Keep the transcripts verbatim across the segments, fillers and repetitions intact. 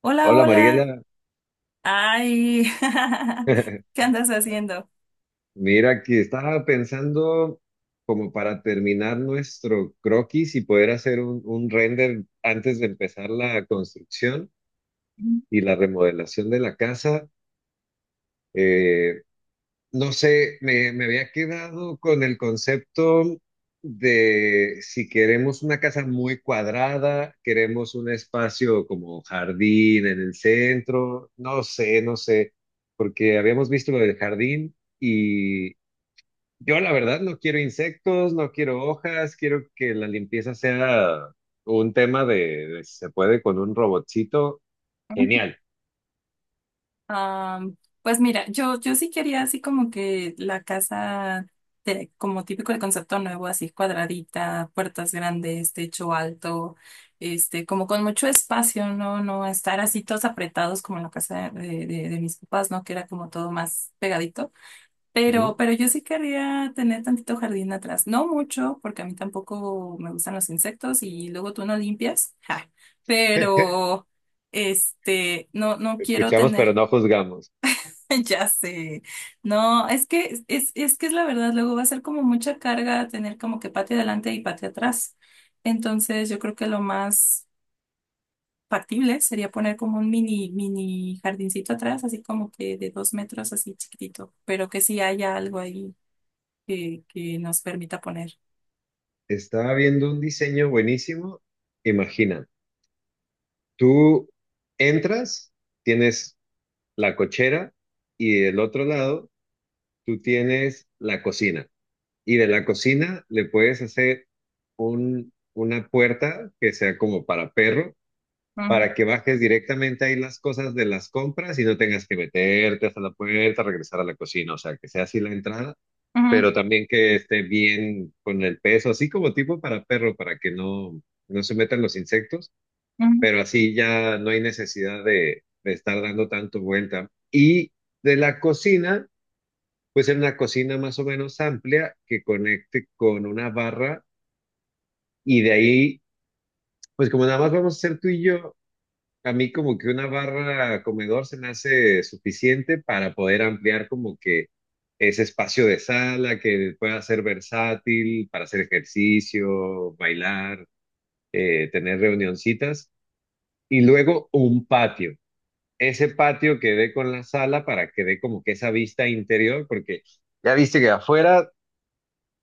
Hola, Hola hola. Mariela, Ay, ¿qué andas haciendo? mira que estaba pensando como para terminar nuestro croquis y poder hacer un, un render antes de empezar la construcción y la remodelación de la casa. Eh, no sé, me, me había quedado con el concepto de si queremos una casa muy cuadrada, queremos un espacio como jardín en el centro, no sé, no sé, porque habíamos visto lo del jardín y yo la verdad no quiero insectos, no quiero hojas, quiero que la limpieza sea un tema de, de si se puede con un robotcito. Genial. Am, pues mira, yo, yo sí quería así como que la casa, de- como típico el concepto nuevo, así cuadradita, puertas grandes, techo alto, este, como con mucho espacio, ¿no? No estar así todos apretados como en la casa de, de- de mis papás, ¿no? Que era como todo más pegadito. Ujú. Pero, pero yo sí querría tener tantito jardín atrás. No mucho, porque a mí tampoco me gustan los insectos y luego tú no limpias. Ja. Pero, este, no, no quiero Escuchamos pero tener. no juzgamos. Ya sé. No, es que es, es que es la verdad. Luego va a ser como mucha carga tener como que patio adelante y patio atrás. Entonces, yo creo que lo más factible sería poner como un mini, mini jardincito atrás, así como que de dos metros, así chiquitito, pero que sí haya algo ahí que, que nos permita poner. Estaba viendo un diseño buenísimo. Imagina, tú entras, tienes la cochera y del otro lado tú tienes la cocina. Y de la cocina le puedes hacer un, una puerta que sea como para perro Ujú, para que bajes directamente ahí las cosas de las compras y no tengas que meterte hasta la puerta, regresar a la cocina, o sea, que sea así la entrada, ujú, pero también que esté bien con el peso, así como tipo para perro, para que no, no se metan los insectos, ujú. pero así ya no hay necesidad de, de estar dando tanto vuelta. Y de la cocina, pues en una cocina más o menos amplia que conecte con una barra y de ahí, pues como nada más vamos a ser tú y yo, a mí como que una barra comedor se me hace suficiente para poder ampliar como que ese espacio de sala que pueda ser versátil para hacer ejercicio, bailar, eh, tener reunioncitas y luego un patio. Ese patio que dé con la sala para que dé como que esa vista interior, porque ya viste que afuera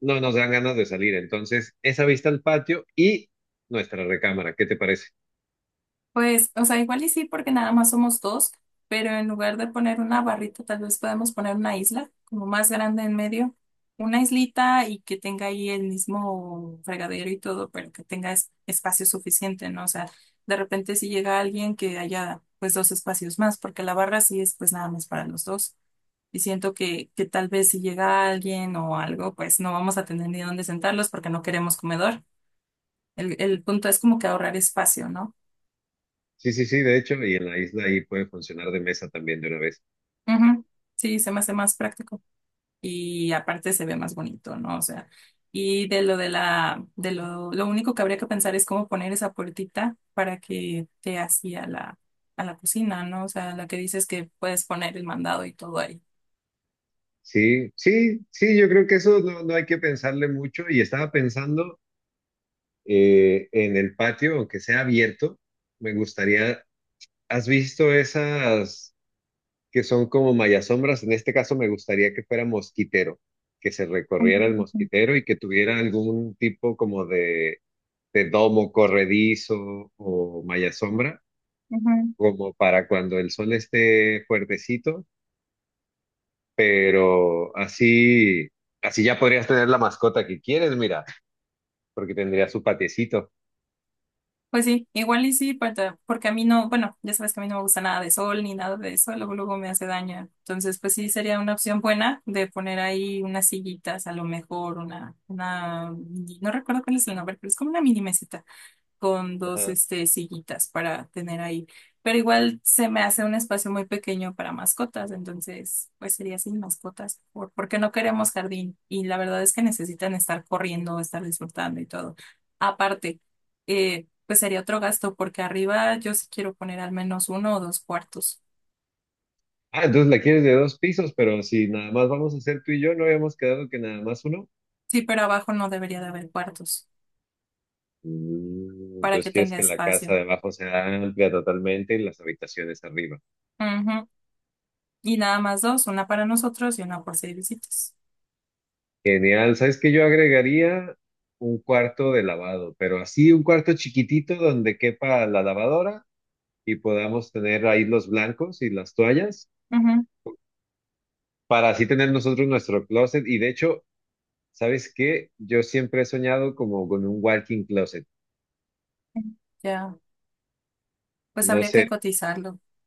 no nos dan ganas de salir, entonces esa vista al patio y nuestra recámara, ¿qué te parece? Pues, o sea, igual y sí, porque nada más somos dos, pero en lugar de poner una barrita, tal vez podemos poner una isla, como más grande en medio, una islita y que tenga ahí el mismo fregadero y todo, pero que tenga es- espacio suficiente, ¿no? O sea, de repente si llega alguien que haya pues dos espacios más, porque la barra sí es pues nada más para los dos. Y siento que, que tal vez si llega alguien o algo, pues no vamos a tener ni dónde sentarlos porque no queremos comedor. El, el punto es como que ahorrar espacio, ¿no? Sí, sí, sí, de hecho, y en la isla ahí puede funcionar de mesa también de una vez. Ujú. Sí, se me hace más práctico y aparte se ve más bonito, ¿no? O sea, y de lo de la, de lo, lo único que habría que pensar es cómo poner esa puertita para que te hacía la, a la cocina, ¿no? O sea, la que dices que puedes poner el mandado y todo ahí. Sí, sí, sí, yo creo que eso no, no hay que pensarle mucho y estaba pensando eh, en el patio, aunque sea abierto, me gustaría, ¿has visto esas que son como mayasombras? En este caso me gustaría que fuera mosquitero, que se Ujú, recorriera el ujú. mosquitero y que tuviera algún tipo como de, de domo corredizo o mayasombra, Ujú. como para cuando el sol esté fuertecito pero así, así ya podrías tener la mascota que quieres, mira, porque tendría su patiecito. Pues sí, igual y sí, para- porque a mí no, bueno, ya sabes que a mí no me gusta nada de sol ni nada de eso, luego, luego me hace daño. Entonces, pues sí, sería una opción buena de poner ahí unas sillitas, a lo mejor una, una, no recuerdo cuál es el nombre, pero es como una mini mesita con dos Ajá. este, sillitas para tener ahí. Pero igual se me hace un espacio muy pequeño para mascotas, entonces pues sería sin mascotas, por- porque no queremos jardín y la verdad es que necesitan estar corriendo, estar disfrutando y todo. Aparte, eh, pues sería otro gasto porque arriba yo sí quiero poner al menos uno o dos cuartos. Ah, entonces la quieres de dos pisos, pero si nada más vamos a hacer tú y yo, ¿no habíamos quedado que nada más uno? Sí, pero abajo no debería de haber cuartos Mm, para que entonces quieres tenga que la casa espacio. de abajo sea amplia totalmente y las habitaciones arriba. Ujú. Y nada más dos, una para nosotros y una por seis visitas. Genial, ¿sabes qué? Yo agregaría un cuarto de lavado, pero así un cuarto chiquitito donde quepa la lavadora y podamos tener ahí los blancos y las toallas Ujú. para así tener nosotros nuestro closet. Y de hecho, ¿sabes qué? Yo siempre he soñado como con un walking closet, Ya. Pues no habría que sé, cotizarlo.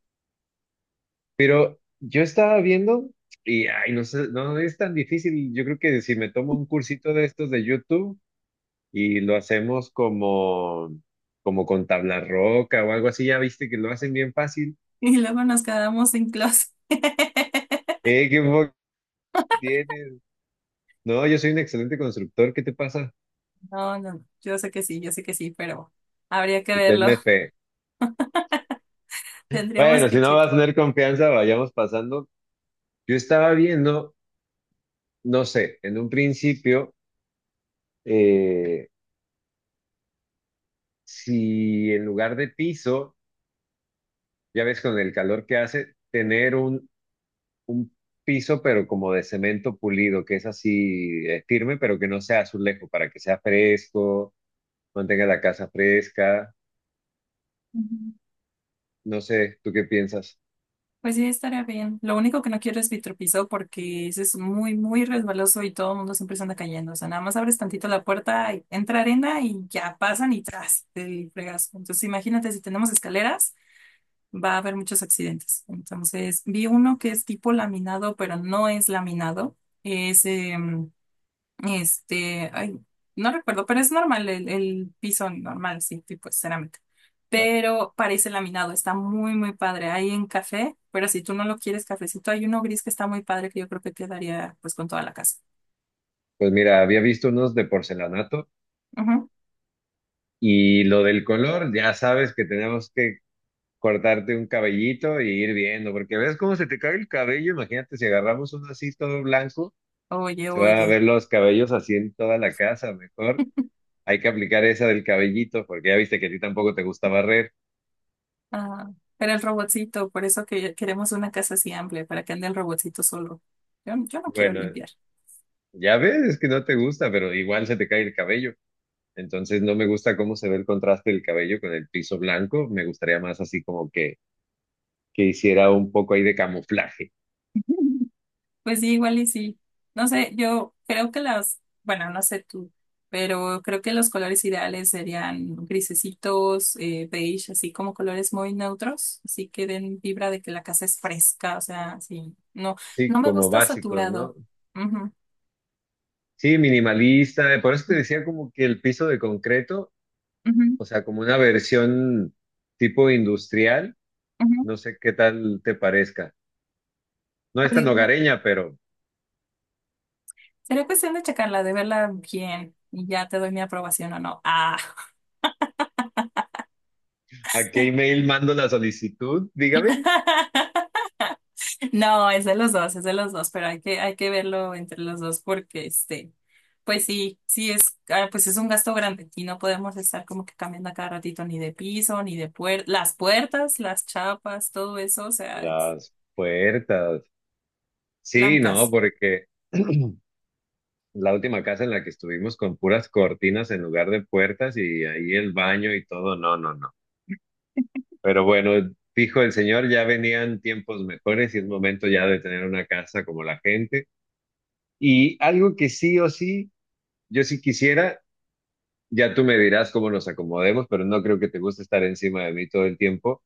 pero yo estaba viendo y, ay, no sé, no es tan difícil. Yo creo que si me tomo un cursito de estos de YouTube y lo hacemos como, como con tabla roca o algo así, ya viste que lo hacen bien fácil. Y luego nos quedamos sin closet. Eh, qué poco tienes. No, yo soy un excelente constructor, ¿qué te pasa? No, no, no. Yo sé que sí, yo sé que sí, pero habría que Usted verlo. me fe. Tendríamos Bueno, si que no vas a checar. tener confianza, vayamos pasando. Yo estaba viendo no sé, en un principio, eh, si en lugar de piso, ya ves con el calor que hace, tener un, un piso, pero como de cemento pulido, que es así, eh, firme, pero que no sea azulejo, para que sea fresco, mantenga la casa fresca. Ujú. No sé, ¿tú qué piensas? Pues sí, estaría bien. Lo único que no quiero es vitropiso porque ese es muy, muy resbaloso y todo el mundo siempre se anda cayendo. O sea, nada más abres tantito la puerta, y entra arena y ya pasan y tras el fregazo. Entonces, imagínate, si tenemos escaleras, va a haber muchos accidentes. Entonces, vi uno que es tipo laminado, pero no es laminado. Es em, Este, ay, no recuerdo, pero es normal, el, el piso normal, sí, tipo cerámica. Ah, Pero parece laminado, está muy, muy padre. Hay en café, pero si tú no lo quieres cafecito, hay uno gris que está muy padre que yo creo que quedaría pues con toda la casa. pues mira, había visto unos de porcelanato Ujú. y lo del color, ya sabes que tenemos que cortarte un cabellito y ir viendo, porque ves cómo se te cae el cabello, imagínate si agarramos uno así todo blanco, Oye, se van a oye. ver los cabellos así en toda la casa, mejor hay que aplicar esa del cabellito, porque ya viste que a ti tampoco te gusta barrer. Ah, pero el robotcito, por eso que queremos una casa así amplia, para que ande el robotcito solo. Yo, yo no quiero Bueno, limpiar. ya ves, es que no te gusta, pero igual se te cae el cabello. Entonces no me gusta cómo se ve el contraste del cabello con el piso blanco, me gustaría más así como que, que hiciera un poco ahí de camuflaje, Pues sí, igual y sí. No sé, yo creo que las, bueno, no sé tú, pero creo que los colores ideales serían grisecitos, eh, beige, así como colores muy neutros, así que den vibra de que la casa es fresca, o sea, sí. No, sí, no me como gusta básicos, saturado. ¿no? Ujú, Sí, minimalista, por eso te decía como que el piso de concreto, ujú, o sea, como una versión tipo industrial. ujú. No sé qué tal te parezca. No es Pues tan igual, hogareña, pero sería cuestión de checarla, de verla bien y ya te doy mi aprobación o no. Ah. ¿a qué email mando la solicitud? Dígame. No, es de los dos, es de los dos, pero hay que, hay que verlo entre los dos porque este, pues sí, sí es, ah, pues es un gasto grande. Y no podemos estar como que cambiando a cada ratito ni de piso, ni de puertas, las puertas, las chapas, todo eso, o sea, es Las puertas. Sí, no, blancas. porque la última casa en la que estuvimos con puras cortinas en lugar de puertas y ahí el baño y todo. No, no, no. Pero bueno, dijo el señor, ya venían tiempos mejores y es momento ya de tener una casa como la gente. Y algo que sí o sí, yo sí quisiera. Ya tú me dirás cómo nos acomodemos, pero no creo que te guste estar encima de mí todo el tiempo.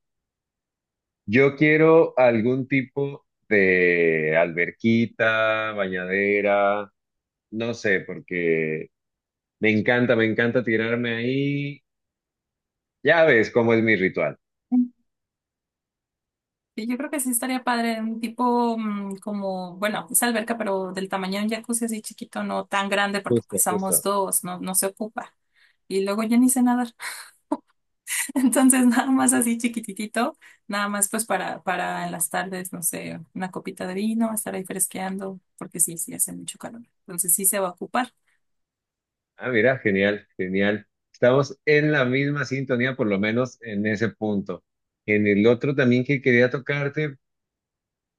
Yo quiero algún tipo de alberquita, bañadera, no sé, porque me encanta, me encanta tirarme ahí. Ya ves cómo es mi ritual. Y yo creo que sí estaría padre, un tipo mm, como, bueno, es alberca, pero del tamaño de un jacuzzi así chiquito, no tan grande, porque pues Justo, somos justo. dos, no, no se ocupa. Y luego yo ni sé nada. Entonces, nada más así chiquititito, nada más pues para, para en las tardes, no sé, una copita de vino, estar ahí fresqueando, porque sí, sí hace mucho calor. Entonces sí se va a ocupar. Ah, mira, genial, genial. Estamos en la misma sintonía, por lo menos en ese punto. En el otro también que quería tocarte,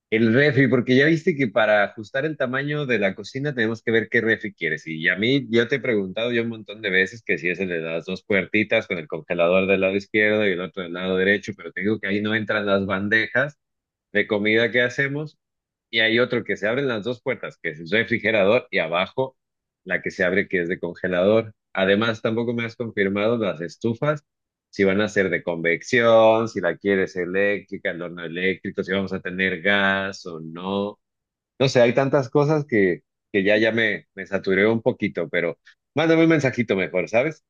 el refri, porque ya viste que para ajustar el tamaño de la cocina tenemos que ver qué refri quieres. Y a mí, yo te he preguntado ya un montón de veces que si es el de las dos puertitas con el congelador del lado izquierdo y el otro del lado derecho, pero te digo que ahí no entran las bandejas de comida que hacemos y hay otro que se abren las dos puertas, que es el refrigerador, y abajo la que se abre, que es de congelador. Además, tampoco me has confirmado las estufas, si van a ser de convección, si la quieres eléctrica, el horno eléctrico, si vamos a tener gas o no. No sé, hay tantas cosas que, que ya, ya me, me saturé un poquito, pero mándame un mensajito mejor, ¿sabes?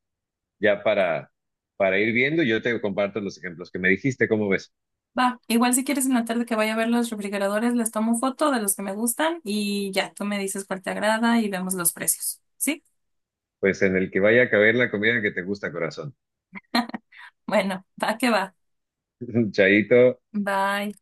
Ya para, para ir viendo, yo te comparto los ejemplos que me dijiste, ¿cómo ves? Va, igual si quieres en la tarde que vaya a ver los refrigeradores, les tomo foto de los que me gustan y ya, tú me dices cuál te agrada y vemos los precios. ¿Sí? Pues en el que vaya a caber la comida que te gusta, corazón. Bueno, va que va. Chaito. Bye.